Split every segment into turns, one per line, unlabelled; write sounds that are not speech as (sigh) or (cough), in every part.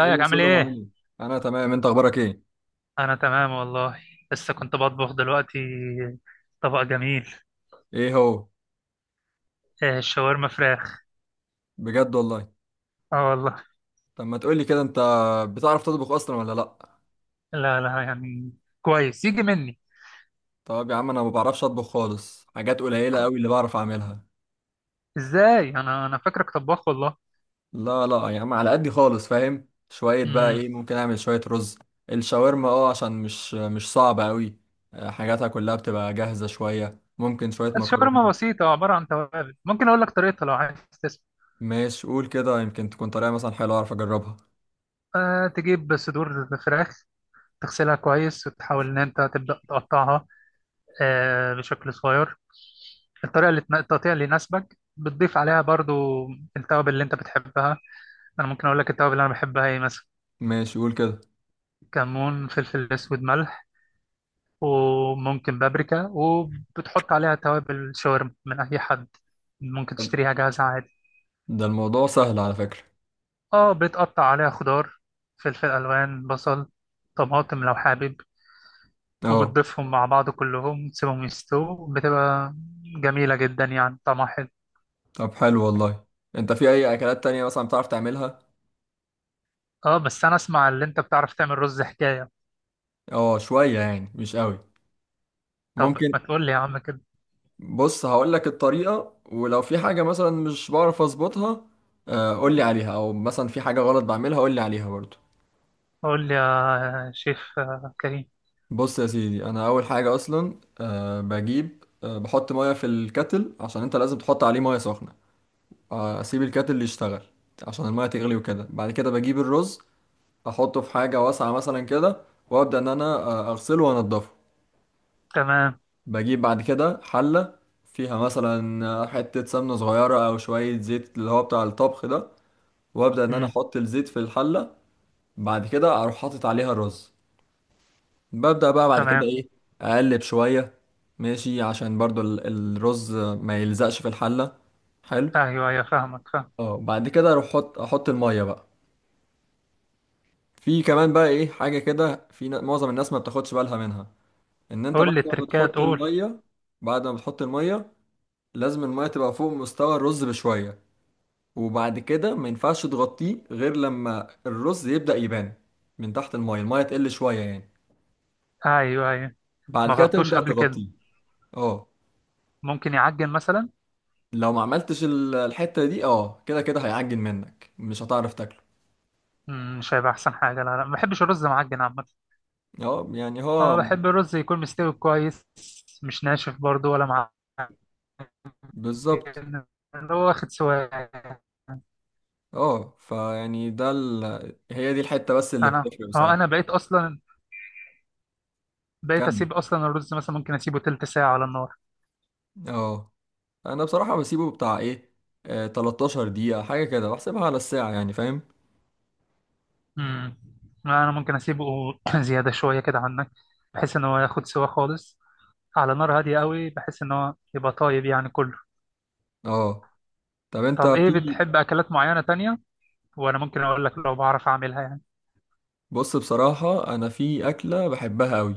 ايه يا
عامل
سلام، عامل
ايه؟
ايه؟ انا تمام. انت اخبارك ايه؟
انا تمام والله. لسه كنت بطبخ دلوقتي. طبق جميل.
ايه هو؟
آه، شاورما فراخ.
بجد والله.
اه والله.
طب ما تقولي كده، انت بتعرف تطبخ اصلا ولا لا؟
لا لا، يعني كويس يجي مني.
طب يا عم انا ما بعرفش اطبخ خالص، حاجات قليلة قوي اللي بعرف اعملها.
ازاي؟ انا فاكرك طباخ والله.
لا لا يا عم، على قدي خالص، فاهم؟ شوية بقى،
امم.
ايه ممكن اعمل؟ شوية رز، الشاورما، اه، عشان مش صعبة قوي. حاجاتها كلها بتبقى جاهزة، شوية ممكن شوية مكرونة.
الشاورما بسيطة عبارة عن توابل، ممكن اقول لك طريقتها لو عايز تسمع.
ماشي قول كده، يمكن تكون طريقة مثلا حلوة اعرف اجربها.
أه، تجيب صدور فراخ. تغسلها كويس وتحاول ان انت تبدأ تقطعها بشكل صغير. التقطيع اللي يناسبك، بتضيف عليها برضو التوابل اللي انت بتحبها. انا ممكن اقول لك التوابل اللي انا بحبها ايه مثلا.
ماشي قول كده.
كمون، فلفل اسود، ملح، وممكن بابريكا، وبتحط عليها توابل شاورما من اي حد. ممكن
طب
تشتريها جاهزة عادي.
ده الموضوع سهل على فكرة.
اه، بتقطع عليها خضار: فلفل الوان، بصل، طماطم لو حابب.
اه.
وبتضيفهم مع بعض كلهم، تسيبهم يستووا، بتبقى جميلة جدا، يعني طعمها حلو.
طب حلو والله، انت في اي اكلات تانية مثلا بتعرف تعملها؟
اه، بس انا اسمع اللي انت بتعرف تعمل رز حكاية.
اه شوية، يعني مش قوي.
طب
ممكن.
ما تقول لي يا عم كده.
بص هقول لك الطريقة، ولو في حاجة مثلا مش بعرف اظبطها، قول لي عليها، او مثلا في حاجة غلط بعملها قول لي عليها برضو.
قول لي يا شيف كريم.
بص يا سيدي، انا اول حاجة اصلا بجيب، بحط مية في الكتل، عشان انت لازم تحط عليه مية سخنة. اسيب الكتل يشتغل عشان المية تغلي، وكده بعد كده بجيب الرز، احطه في حاجة واسعة مثلا كده، وابدا ان انا اغسله وانضفه.
تمام.
بجيب بعد كده حلة فيها مثلا حتة سمنة صغيرة أو شوية زيت اللي هو بتاع الطبخ ده، وأبدأ إن أنا
مم.
أحط الزيت في الحلة. بعد كده أروح حاطط عليها الرز، ببدأ بقى بعد كده
تمام.
إيه، أقلب شوية، ماشي، عشان برضو الرز ما يلزقش في الحلة. حلو.
ايوه ايوه، فاهمك فاهم.
اه بعد كده أروح أحط المية بقى. في كمان بقى إيه حاجة كده في، معظم الناس ما بتاخدش بالها منها، إن أنت
قول
بعد
لي
ما
التركات،
بتحط
قول.
المية، بعد ما بتحط المية لازم المية تبقى فوق مستوى الرز بشوية. وبعد كده ما ينفعش تغطيه غير لما الرز يبدأ يبان من تحت المايه، المايه تقل شوية يعني،
ايوه ايوه. ما
بعد كده
غطوش
تبدأ
قبل كده؟
تغطيه. اه.
ممكن يعجن مثلا.
لو ما عملتش الحتة دي، اه كده كده هيعجن منك، مش هتعرف تاكله.
مم، مش هيبقى احسن حاجه. لا لا، ما بحبش الرز معجن عامه.
اه يعني
اه،
هو.
بحب الرز يكون مستوي كويس. مش ناشف برضو ولا معجن.
بالظبط.
اللي هو واخد سواء.
اه فيعني ده هي دي الحتة بس اللي
انا
بتفرق
اه
بصراحة.
انا بقيت اصلا. بقيت
كمل.
اسيب اصلا الرز مثلا، ممكن اسيبه تلت ساعه على النار.
اه. انا بصراحة بسيبه بتاع ايه، 13 دقيقة حاجة كده، بحسبها على الساعة، يعني فاهم.
امم. انا ممكن اسيبه (clears throat) زياده شويه كده عنك، بحيث ان هو ياخد سوا خالص. على نار هاديه قوي، بحيث ان هو يبقى طايب يعني كله.
اه. طب انت
طب ايه
في،
بتحب اكلات معينة تانية؟ وانا ممكن اقول لك لو بعرف اعملها يعني.
بص بصراحة أنا في أكلة بحبها أوي.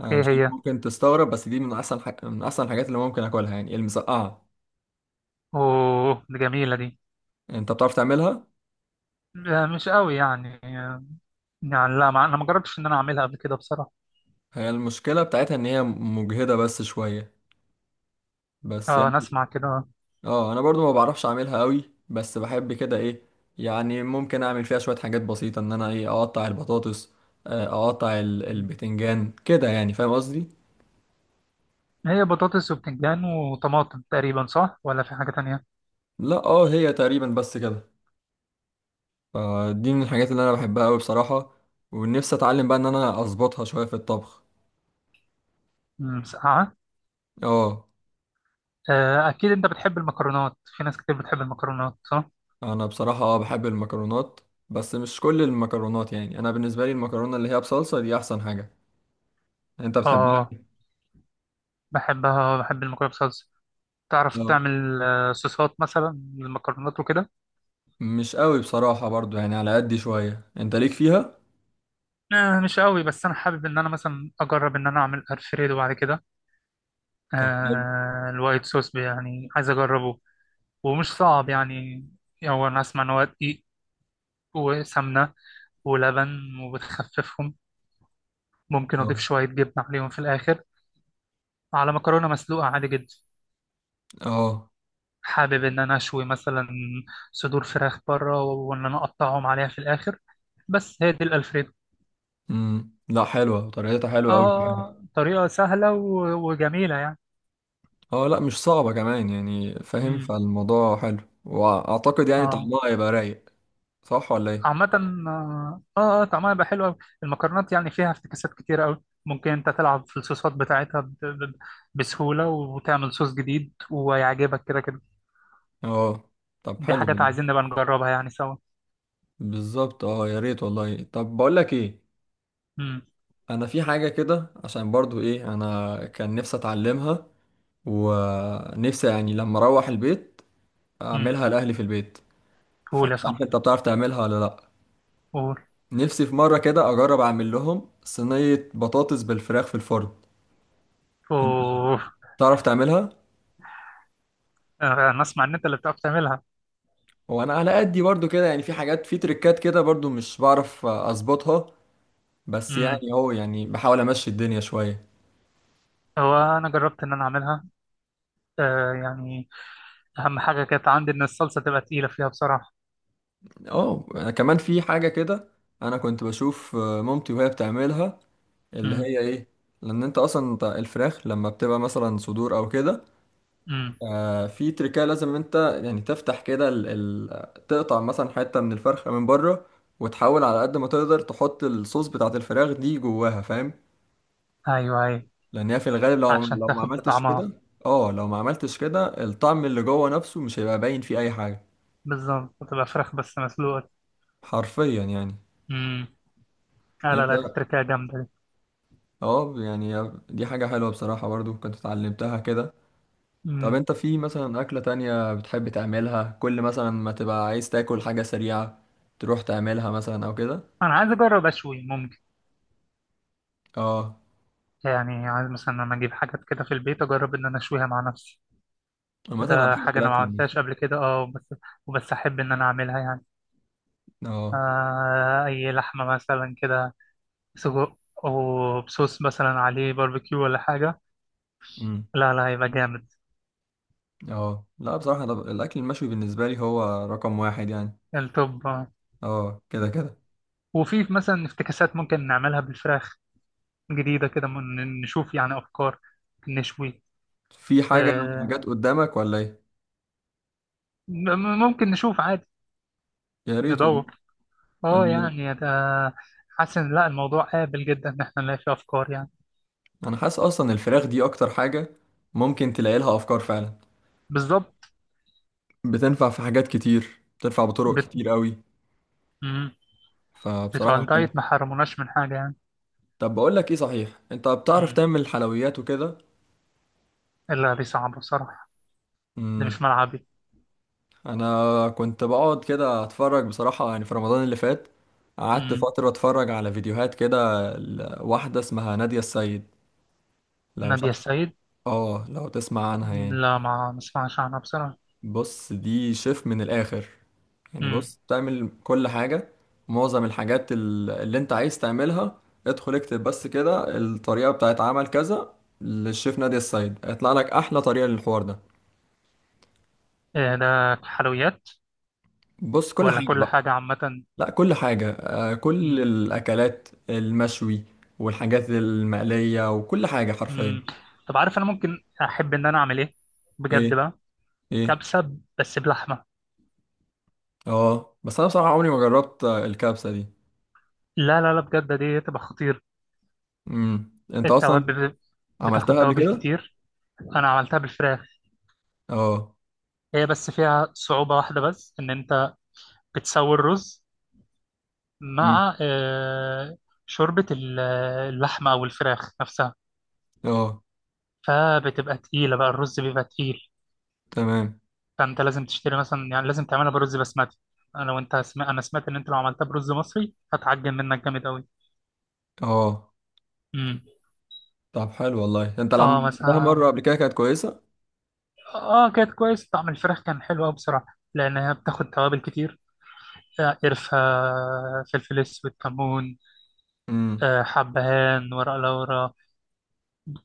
أنا
ايه
مش عارف
هي؟
ممكن تستغرب، بس دي من أحسن حاجة، من أحسن الحاجات اللي ممكن أكلها، يعني المسقعة.
اوه، دي جميلة دي.
أنت بتعرف تعملها؟
آه، مش قوي يعني يعني لا، ما انا ما جربتش ان انا اعملها قبل كده بصراحة.
هي المشكلة بتاعتها إن هي مجهدة بس شوية، بس
اه، انا
يعني.
اسمع كده.
أنا برضو ما بعرفش أعملها أوي، بس بحب كده إيه، يعني ممكن أعمل فيها شوية حاجات بسيطة، إن أنا إيه أقطع البطاطس، أقطع البتنجان كده، يعني فاهم قصدي؟
هي بطاطس وبتنجان وطماطم تقريبا، صح ولا في حاجة تانية؟
لا هي تقريبا بس كده. فدي من الحاجات اللي انا بحبها قوي بصراحة، ونفسي اتعلم بقى ان انا اظبطها شوية في الطبخ.
مم، مسقعة.
اه.
آه، اكيد انت بتحب المكرونات، في ناس كتير بتحب المكرونات، صح؟
انا بصراحة بحب المكرونات، بس مش كل المكرونات. يعني انا بالنسبة لي المكرونة اللي هي بصلصة دي احسن حاجة. انت بتحبها؟
اه، بحبها، بحب المكرونة بصلصة. تعرف
اه
تعمل صوصات مثلا للمكرونات وكده؟
مش قوي بصراحة، برضو يعني على قد شوية انت ليك فيها.
آه، مش قوي، بس انا حابب ان انا مثلا اجرب ان انا اعمل الفريدو بعد كده.
طب حلو.
آه، الوايت صوص يعني عايز اجربه. ومش صعب يعني. هو انا اسمع ان هو دقيق، وسمنه ولبن، وبتخففهم. ممكن
اه،
اضيف شويه جبنه عليهم في الاخر، على مكرونه مسلوقه عادي جدا.
اه.
حابب ان انا اشوي مثلا صدور فراخ بره، وان انا اقطعهم عليها في الاخر. بس هي دي الالفريدو.
لا حلوة، طريقتها حلوة قوي كمان.
اه، طريقه سهله و- وجميله يعني.
اه لا مش صعبة كمان، يعني فاهم،
امم.
فالموضوع حلو، واعتقد يعني
اه.
طعمها هيبقى رايق. صح ولا ايه؟
عامة. اه اه، طعمها يبقى حلو أوي. المكرونات يعني فيها افتكاسات كتير قوي، ممكن انت تلعب في الصوصات بتاعتها بسهولة، وتعمل صوص جديد ويعجبك كده كده.
اه. طب
دي
حلو
حاجات عايزين
والله.
نبقى نجربها يعني سوا.
بالظبط، اه يا ريت والله. طب بقول لك ايه،
امم.
انا في حاجه كده عشان برضو ايه انا كان نفسي اتعلمها، ونفسي يعني لما اروح البيت
امم.
اعملها لاهلي في البيت،
قول يا
فمش عارف
صاحبي،
انت بتعرف تعملها ولا لا.
قول.
نفسي في مره كده اجرب اعمل لهم صينيه بطاطس بالفراخ في الفرن. انت
اوه.
بتعرف تعملها؟
آه، انا اسمع ان انت اللي بتعرف تعملها.
وانا على قدي برضو كده، يعني في حاجات في تريكات كده برضو مش بعرف اظبطها، بس
امم.
يعني هو يعني بحاول امشي الدنيا شويه.
هو انا جربت ان انا اعملها يعني. اهم حاجة كانت عندي ان الصلصة تبقى تقيلة فيها بصراحة.
اه. أنا كمان في حاجة كده، انا كنت بشوف مامتي وهي بتعملها، اللي
امم
هي ايه، لان انت اصلا، انت الفراخ لما بتبقى مثلا صدور او كده،
امم.
في تركية لازم انت يعني تفتح كده تقطع مثلا حتة من الفرخة من بره، وتحاول على قد ما تقدر تحط الصوص بتاعت الفراخ دي جواها، فاهم؟
ايوه ايوه.
لان هي في الغالب، لو
عشان
لو ما
تاخد
عملتش
بطعمها.
كده، اه لو ما عملتش كده الطعم اللي جوه نفسه مش هيبقى باين فيه اي حاجة.
بالظبط، بتبقى فراخ بس مسلوقة.
حرفيا يعني.
امم. لا لا
انت.
لا، دي تركية جامدة دي.
اه يعني دي حاجة حلوة بصراحة، برضو كنت اتعلمتها كده. طب
امم.
انت في مثلا أكلة تانية بتحب تعملها، كل مثلا ما تبقى عايز تاكل حاجة سريعة تروح تعملها مثلا أو كده.
انا عايز اجرب اشوي ممكن.
اه.
يعني عايز مثلا انا اجيب حاجات كده في البيت، اجرب ان انا اشويها مع نفسي.
عامة أنا
كده
بحب
حاجة انا ما
الأكل
عملتهاش
المشوي.
قبل كده بس. وبس احب ان انا اعملها يعني.
اه.
آه، اي لحمة مثلا كده. سجق، وبصوص مثلا عليه باربيكيو ولا حاجة.
امم.
لا لا، هيبقى جامد.
اه. لا بصراحة أنا الأكل المشوي بالنسبة لي هو رقم واحد يعني.
التوب آه.
اه كده كده.
وفي مثلا افتكاسات ممكن نعملها بالفراخ جديدة كده، نشوف يعني افكار نشوي.
في حاجة،
آه.
حاجات قدامك ولا ايه؟
ممكن نشوف عادي.
يا ريت والله.
ندور.
أنا
اه يعني ده. حاسس ان لا الموضوع قابل جدا ان احنا نلاقي فيه افكار يعني.
أنا حاسس أصلا الفراخ دي أكتر حاجة ممكن تلاقي لها أفكار فعلا،
بالظبط.
بتنفع في حاجات كتير، بتنفع بطرق
بت...
كتير قوي.
مم. بتوع
فبصراحة حلو.
الدايت ما حرموناش من حاجه يعني.
طب بقول لك ايه، صحيح انت بتعرف
مم.
تعمل حلويات وكده؟
الا دي صعبه بصراحه. دي
امم
مش ملعبي.
انا كنت بقعد كده اتفرج بصراحة، يعني في رمضان اللي فات قعدت
مم.
فترة اتفرج على فيديوهات كده واحدة اسمها نادية السيد، لو مش
ناديه
عارف.
السيد.
اه لو تسمع عنها يعني.
لا، ما نسمعش عنها بصراحه.
بص دي شيف من الآخر، يعني
مم.
بص تعمل كل حاجة. معظم الحاجات اللي انت عايز تعملها، ادخل اكتب بس كده الطريقة بتاعت عمل كذا للشيف نادية السيد، هيطلع لك أحلى طريقة للحوار ده.
إيه ده، حلويات
بص كل
ولا
حاجة
كل
بقى.
حاجه عامه؟
لا كل حاجة، كل
مم.
الأكلات المشوي والحاجات المقلية وكل حاجة حرفيا.
مم. طب عارف انا ممكن احب ان انا اعمل ايه؟ بجد
ايه؟
بقى.
ايه؟
كبسه بس بلحمه.
اه بس أنا بصراحة عمري ما جربت الكبسة دي.
لا لا لا، بجد دي تبقى خطير.
انت أصلا
التوابل، بتاخد
عملتها قبل
توابل
كده؟
كتير. انا عملتها بالفراخ.
اه.
هي بس فيها صعوبة واحدة، بس ان انت بتسوي الرز
مم.
مع شوربة اللحمة او الفراخ نفسها.
اه.
فبتبقى تقيلة بقى، الرز بيبقى تقيل.
تمام.
فانت لازم تشتري مثلا، يعني لازم تعملها برز بسمتي. انا سمعت ان انت لو عملتها برز مصري هتعجن منك جامد قوي.
اه
امم.
طب حلو والله، انت لما
اه
عملتها
مثلا.
مره قبل كده كانت كويسه؟
اه، كانت كويس، طعم الفراخ كان حلو قوي بصراحة. لان هي بتاخد توابل كتير. قرفة، فلفل اسود، كمون،
امم.
حبهان، ورق لورا.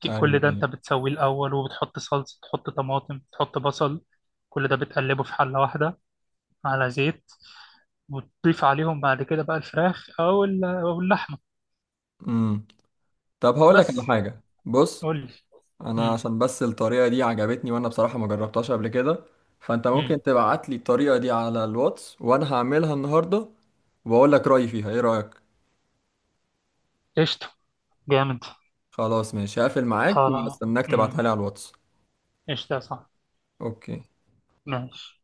ايوه،
كل ده
ايوه.
انت بتسويه الاول، وبتحط صلصه، تحط طماطم، تحط بصل. كل ده بتقلبه في حله واحده على زيت. وتضيف عليهم بعد كده بقى الفراخ او اللحمه.
امم. طب هقول لك على
بس،
حاجه، بص
قول لي.
انا
امم
عشان بس الطريقه دي عجبتني، وانا بصراحه ما جربتهاش قبل كده، فانت ممكن
امم.
تبعت لي الطريقه دي على الواتس، وانا هعملها النهارده واقول لك رايي فيها، ايه رايك؟
قشطه، جامد.
خلاص ماشي، هقفل معاك
خلاص.
واستناك تبعتها
امم.
لي على الواتس.
قشطه يا صاحبي.
اوكي.
ماشي.